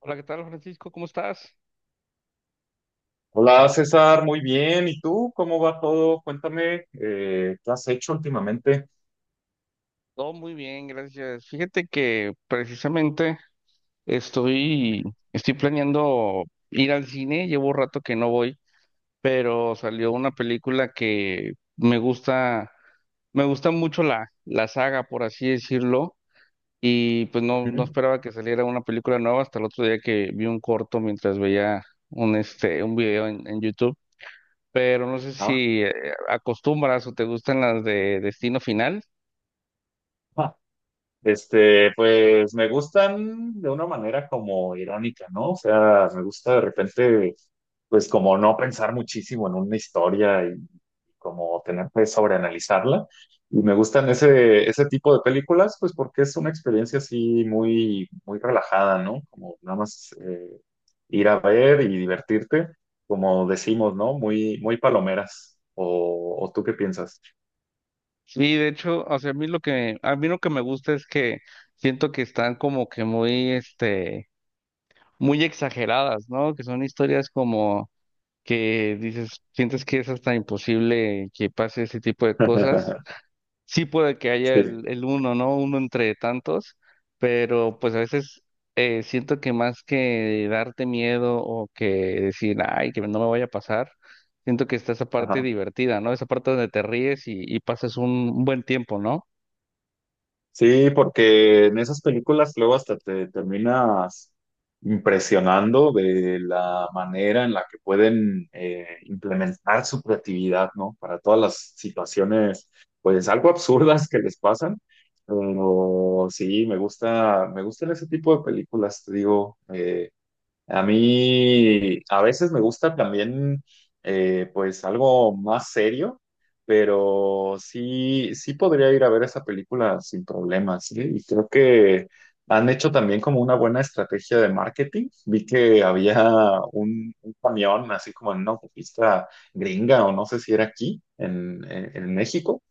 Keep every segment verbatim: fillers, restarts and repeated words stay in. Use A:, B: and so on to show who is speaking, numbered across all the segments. A: Hola, ¿qué tal, Francisco? ¿Cómo estás?
B: Hola César, muy bien. ¿Y tú? ¿Cómo va todo? Cuéntame, eh, ¿qué has hecho últimamente?
A: Todo muy bien, gracias. Fíjate que precisamente estoy, estoy planeando ir al cine, llevo rato que no voy, pero salió una película que me gusta, me gusta mucho la, la saga, por así decirlo, y pues no, no
B: Ujú.
A: esperaba que saliera una película nueva hasta el otro día que vi un corto mientras veía un, este, un video en, en YouTube, pero no sé
B: Ah.
A: si eh, acostumbras o te gustan las de Destino Final.
B: Este, pues me gustan de una manera como irónica, ¿no? O sea, me gusta de repente, pues como no pensar muchísimo en una historia y como tener que sobreanalizarla. Y me gustan ese, ese tipo de películas, pues porque es una experiencia así muy, muy relajada, ¿no? Como nada más eh, ir a ver y divertirte, como decimos, ¿no? Muy, muy palomeras. ¿O, o tú qué piensas?
A: Sí, de hecho, o sea, a mí lo que a mí lo que me gusta es que siento que están como que muy este muy exageradas, ¿no? Que son historias como que dices, sientes que es hasta imposible que pase ese tipo de cosas. Sí puede que haya
B: Sí.
A: el, el uno, ¿no? Uno entre tantos, pero pues a veces eh, siento que más que darte miedo o que decir, ay, que no me vaya a pasar, siento que está esa parte divertida, ¿no? Esa parte donde te ríes y, y pasas un un buen tiempo, ¿no?
B: Sí, porque en esas películas luego hasta te terminas impresionando de la manera en la que pueden eh, implementar su creatividad, ¿no? Para todas las situaciones, pues algo absurdas que les pasan. Pero sí, me gusta, me gustan ese tipo de películas, te digo. Eh, a mí a veces me gusta también eh, pues algo más serio, pero sí, sí podría ir a ver esa película sin problemas, ¿sí? Y creo que han hecho también como una buena estrategia de marketing. Vi que había un, un camión así como en una autopista gringa o no sé si era aquí en, en en México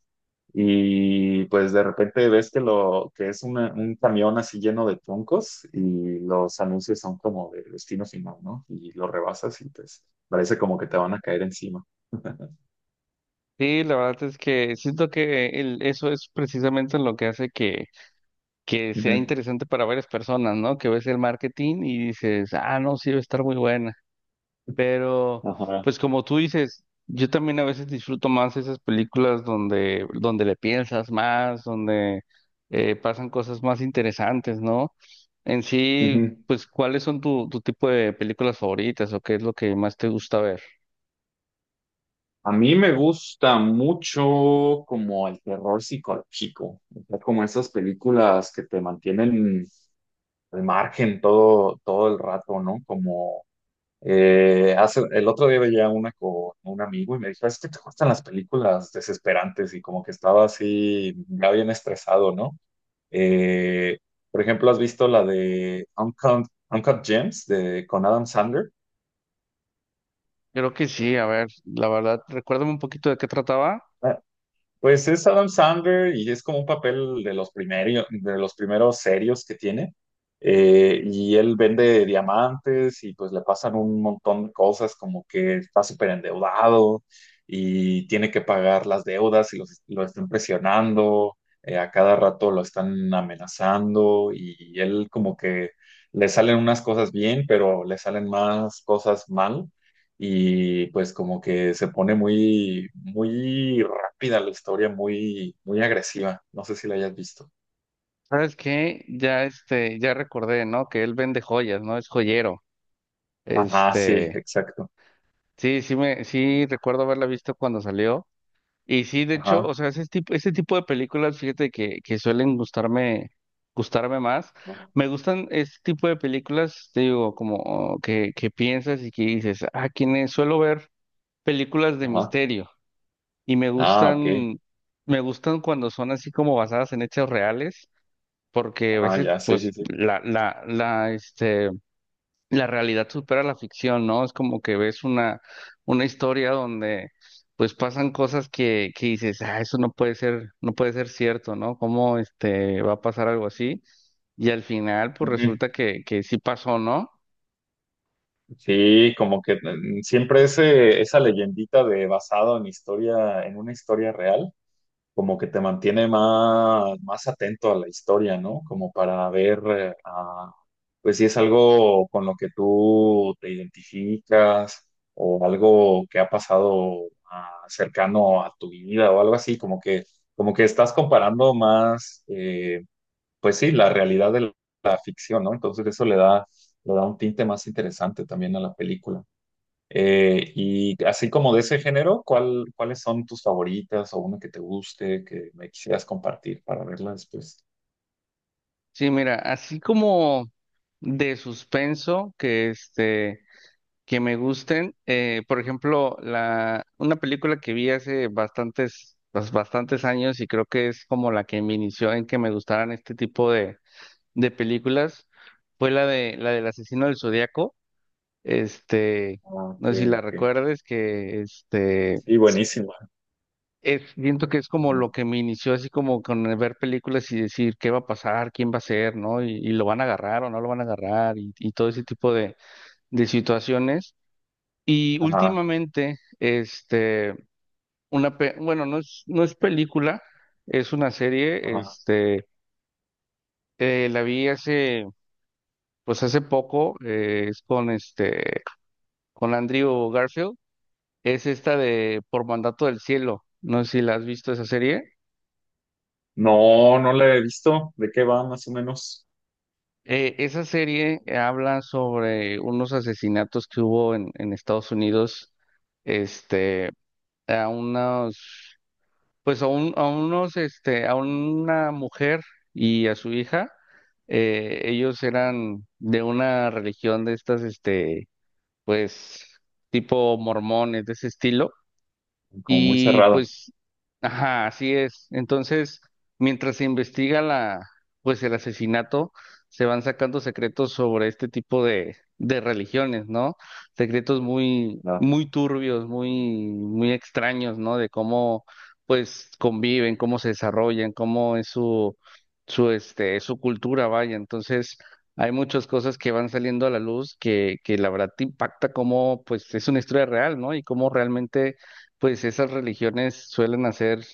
B: y pues de repente ves que lo que es una- un camión así lleno de troncos y los anuncios son como de destino final, ¿no? Y lo rebasas y pues parece como que te van a caer encima.
A: Sí, la verdad es que siento que el- eso es precisamente lo que hace que, que sea
B: Ujú.
A: interesante para varias personas, ¿no? Que ves el marketing y dices, ah, no, sí, va a estar muy buena. Pero,
B: Ajá.
A: pues como tú dices, yo también a veces disfruto más esas películas donde, donde le piensas más, donde eh, pasan cosas más interesantes, ¿no? En sí,
B: Ujú.
A: pues, ¿cuáles son tu, tu tipo de películas favoritas o qué es lo que más te gusta ver?
B: A mí me gusta mucho como el terror psicológico, o sea, como esas películas que te mantienen al margen todo, todo el rato, ¿no? Como. Eh, hace, el otro día veía una con un amigo y me dijo, es que te gustan las películas desesperantes y como que estaba así, ya bien estresado, ¿no? Eh, por ejemplo, ¿has visto la de Uncut, Uncut Gems de, con Adam Sandler?
A: Creo que sí, a ver, la verdad, recuérdame un poquito de qué trataba.
B: Ah. Pues es Adam Sandler y es como un papel de los primeros, de los primeros serios que tiene. Eh, y él vende diamantes y pues le pasan un montón de cosas como que está súper endeudado y tiene que pagar las deudas y los- lo están presionando, eh, a cada rato lo están amenazando y él como que le salen unas cosas bien, pero le salen más cosas mal y pues como que se pone muy, muy rápida la historia, muy, muy agresiva. No sé si la hayas visto.
A: ¿Sabes qué? Ya este, ya recordé, ¿no? Que él vende joyas, ¿no? Es joyero.
B: Ah sí,
A: Este,
B: exacto.
A: sí, sí me, sí recuerdo haberla visto cuando salió. Y sí, de hecho, o
B: Ajá.
A: sea, ese tipo, ese tipo de películas, fíjate que, que suelen gustarme, gustarme más. Me gustan ese tipo de películas, te digo, como oh, que, que piensas y que dices, ah, quienes suelo ver películas de
B: Ajá.
A: misterio. Y me
B: Ah, ok.
A: gustan, me gustan cuando son así como basadas en hechos reales porque a
B: Ah,
A: veces
B: ya, sí, sí,
A: pues
B: sí.
A: la, la, la, este, la realidad supera la ficción, ¿no? Es como que ves una, una historia donde pues pasan cosas que, que dices, ah, eso no puede ser, no puede ser cierto, ¿no? ¿Cómo este va a pasar algo así? Y al final pues
B: Ujú.
A: resulta que, que sí pasó, ¿no?
B: Sí, como que mm, siempre ese, esa leyendita de basado en historia, en una historia real. Como que te mantiene más, más atento a la historia, ¿no? Como para ver, eh, ah, pues si es algo con lo que tú te identificas o algo que ha pasado ah, cercano a tu vida o algo así, como que, como que estás comparando más, eh, pues sí, la realidad de la ficción, ¿no? Entonces eso le da, le da un tinte más interesante también a la película. Eh, y así como de ese género, ¿cuál, ¿cuáles son tus favoritas o una que te guste, que me quisieras compartir para verla después?
A: Sí, mira, así como de suspenso que este que me gusten. Eh, por ejemplo, la, una película que vi hace bastantes, bas- bastantes años y creo que es como la que me inició en que me gustaran este tipo de, de películas fue la de la del asesino del Zodíaco. Este,
B: Ah.
A: no
B: Ok,
A: sé si la
B: ok.
A: recuerdes, que este
B: Sí, buenísima.
A: es, siento que es como
B: Ujú.
A: lo que me inició así como con el ver películas y decir qué va a pasar, quién va a ser, ¿no? Y, y lo van a agarrar o no lo van a agarrar y, y todo ese tipo de, de situaciones. Y
B: Ajá,
A: últimamente, este, una, pe- bueno, no es, no es película, es una serie,
B: ajá.
A: este, eh, la vi hace, pues hace poco, eh, es con este, con Andrew Garfield, es esta de Por Mandato del Cielo, no sé si la has visto esa serie.
B: No, no la he visto. ¿De qué va más o menos?
A: Eh, esa serie habla sobre unos asesinatos que hubo en, en Estados Unidos, este, a unos. Pues a un- a unos, este, a una mujer y a su hija, eh, ellos eran de una religión de estas, este, pues, tipo mormones, de ese estilo.
B: Como muy
A: Y
B: cerrada.
A: pues, ajá, así es. Entonces, mientras se investiga la, pues el asesinato, se van sacando secretos sobre este tipo de, de religiones, ¿no? Secretos muy,
B: la-
A: muy turbios, muy, muy extraños, ¿no? De cómo, pues, conviven, cómo se desarrollan, cómo es su, su, este, su cultura, vaya. Entonces, hay muchas cosas que van saliendo a la luz que, que la verdad te impacta cómo, pues, es una historia real, ¿no? Y cómo realmente pues esas religiones suelen hacer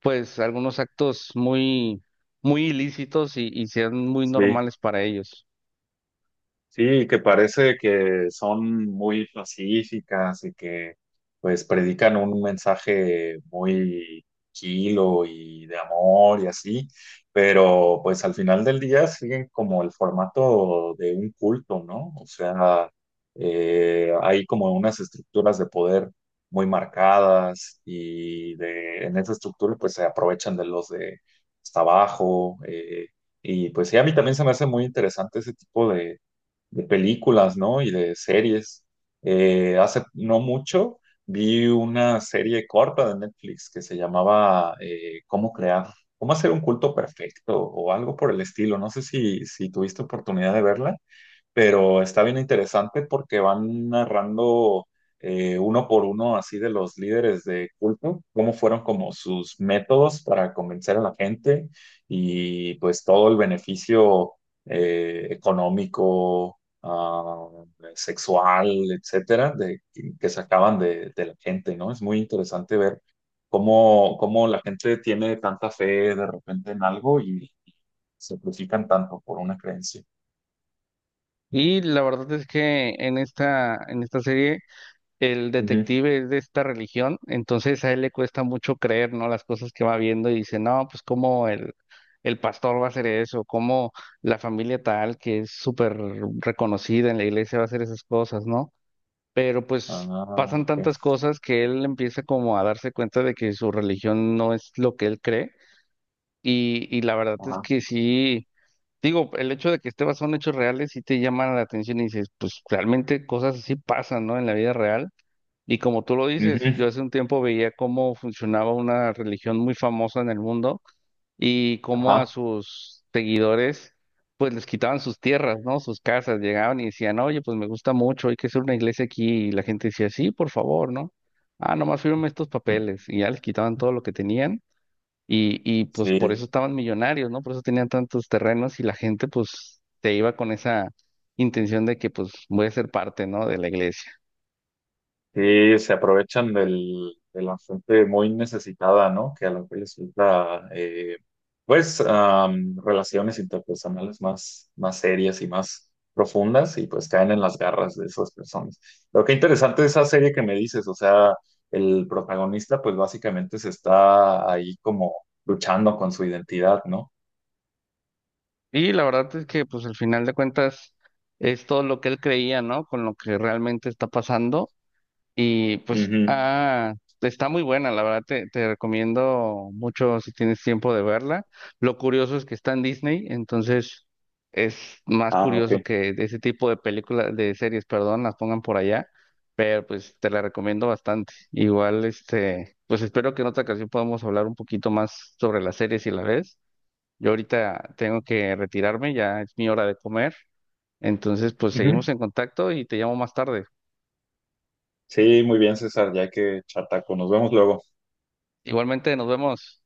A: pues algunos actos muy, muy ilícitos y, y sean muy
B: Sí.
A: normales para ellos.
B: Sí, que parece que son muy pacíficas y que pues predican un mensaje muy kilo y de amor y así, pero pues al final del día siguen como el formato de un culto, ¿no? O sea, eh, hay como unas estructuras de poder muy marcadas y de, en esa estructura pues se aprovechan de los de hasta abajo. Eh, y pues sí, a mí también se me hace muy interesante ese tipo de de películas, ¿no? Y de series. Eh, hace no mucho vi una serie corta de Netflix que se llamaba eh, ¿Cómo crear? ¿Cómo hacer un culto perfecto? O algo por el estilo. No sé si, si tuviste oportunidad de verla, pero está bien interesante porque van narrando eh, uno por uno así de los líderes de culto, cómo fueron como sus métodos para convencer a la gente y pues todo el beneficio eh, económico, ah, sexual, etcétera, de, que sacaban de, de la gente, ¿no? Es muy interesante ver cómo, cómo la gente tiene tanta fe de repente en algo y se sacrifican tanto por una creencia.
A: Y la verdad es que en esta, en esta serie el
B: Ujú.
A: detective es de esta religión, entonces a él le cuesta mucho creer, ¿no? Las cosas que va viendo y dice, no, pues cómo el, el pastor va a hacer eso, cómo la familia tal, que es súper reconocida en la iglesia, va a hacer esas cosas, ¿no? Pero pues
B: Ah,
A: pasan
B: ok.
A: tantas cosas que él empieza como a darse cuenta de que su religión no es lo que él cree y, y la verdad es
B: Ajá.
A: que sí, digo, el hecho de que esté basado en hechos reales sí te llama la atención y dices, pues realmente cosas así pasan, ¿no? En la vida real. Y como tú lo dices,
B: Ujú.
A: yo hace un tiempo veía cómo funcionaba una religión muy famosa en el mundo y cómo a
B: Ajá.
A: sus seguidores pues les quitaban sus tierras, ¿no? Sus casas, llegaban y decían, oye, pues me gusta mucho, hay que hacer una iglesia aquí, y la gente decía, sí, por favor, ¿no? Ah, nomás firme estos papeles, y ya les quitaban todo lo que tenían, y, y pues por eso
B: Sí,
A: estaban millonarios, ¿no? Por eso tenían tantos terrenos, y la gente pues se iba con esa intención de que pues voy a ser parte, ¿no? De la iglesia.
B: sí, se aprovechan del, de la gente muy necesitada, ¿no? Que a lo que les gusta, eh, pues, am, relaciones interpersonales más, más serias y más profundas y pues caen en las garras de esas personas. Lo que interesante de esa serie que me dices, o sea, el protagonista pues básicamente se está ahí como luchando con su identidad, ¿no?
A: Y la verdad es que pues al final de cuentas es todo lo que él creía, ¿no? Con lo que realmente está pasando. Y pues,
B: Ujú.
A: ah, está muy buena, la verdad te, te recomiendo mucho si tienes tiempo de verla. Lo curioso es que está en Disney, entonces es más
B: Ah, ok.
A: curioso que de ese tipo de películas, de series, perdón, las pongan por allá, pero pues te la recomiendo bastante. Igual, este, pues espero que en otra ocasión podamos hablar un poquito más sobre las series si la ves. Yo ahorita tengo que retirarme, ya es mi hora de comer, entonces pues seguimos en contacto y te llamo más tarde.
B: Sí, muy bien, César, ya que chataco. Nos vemos luego.
A: Igualmente, nos vemos.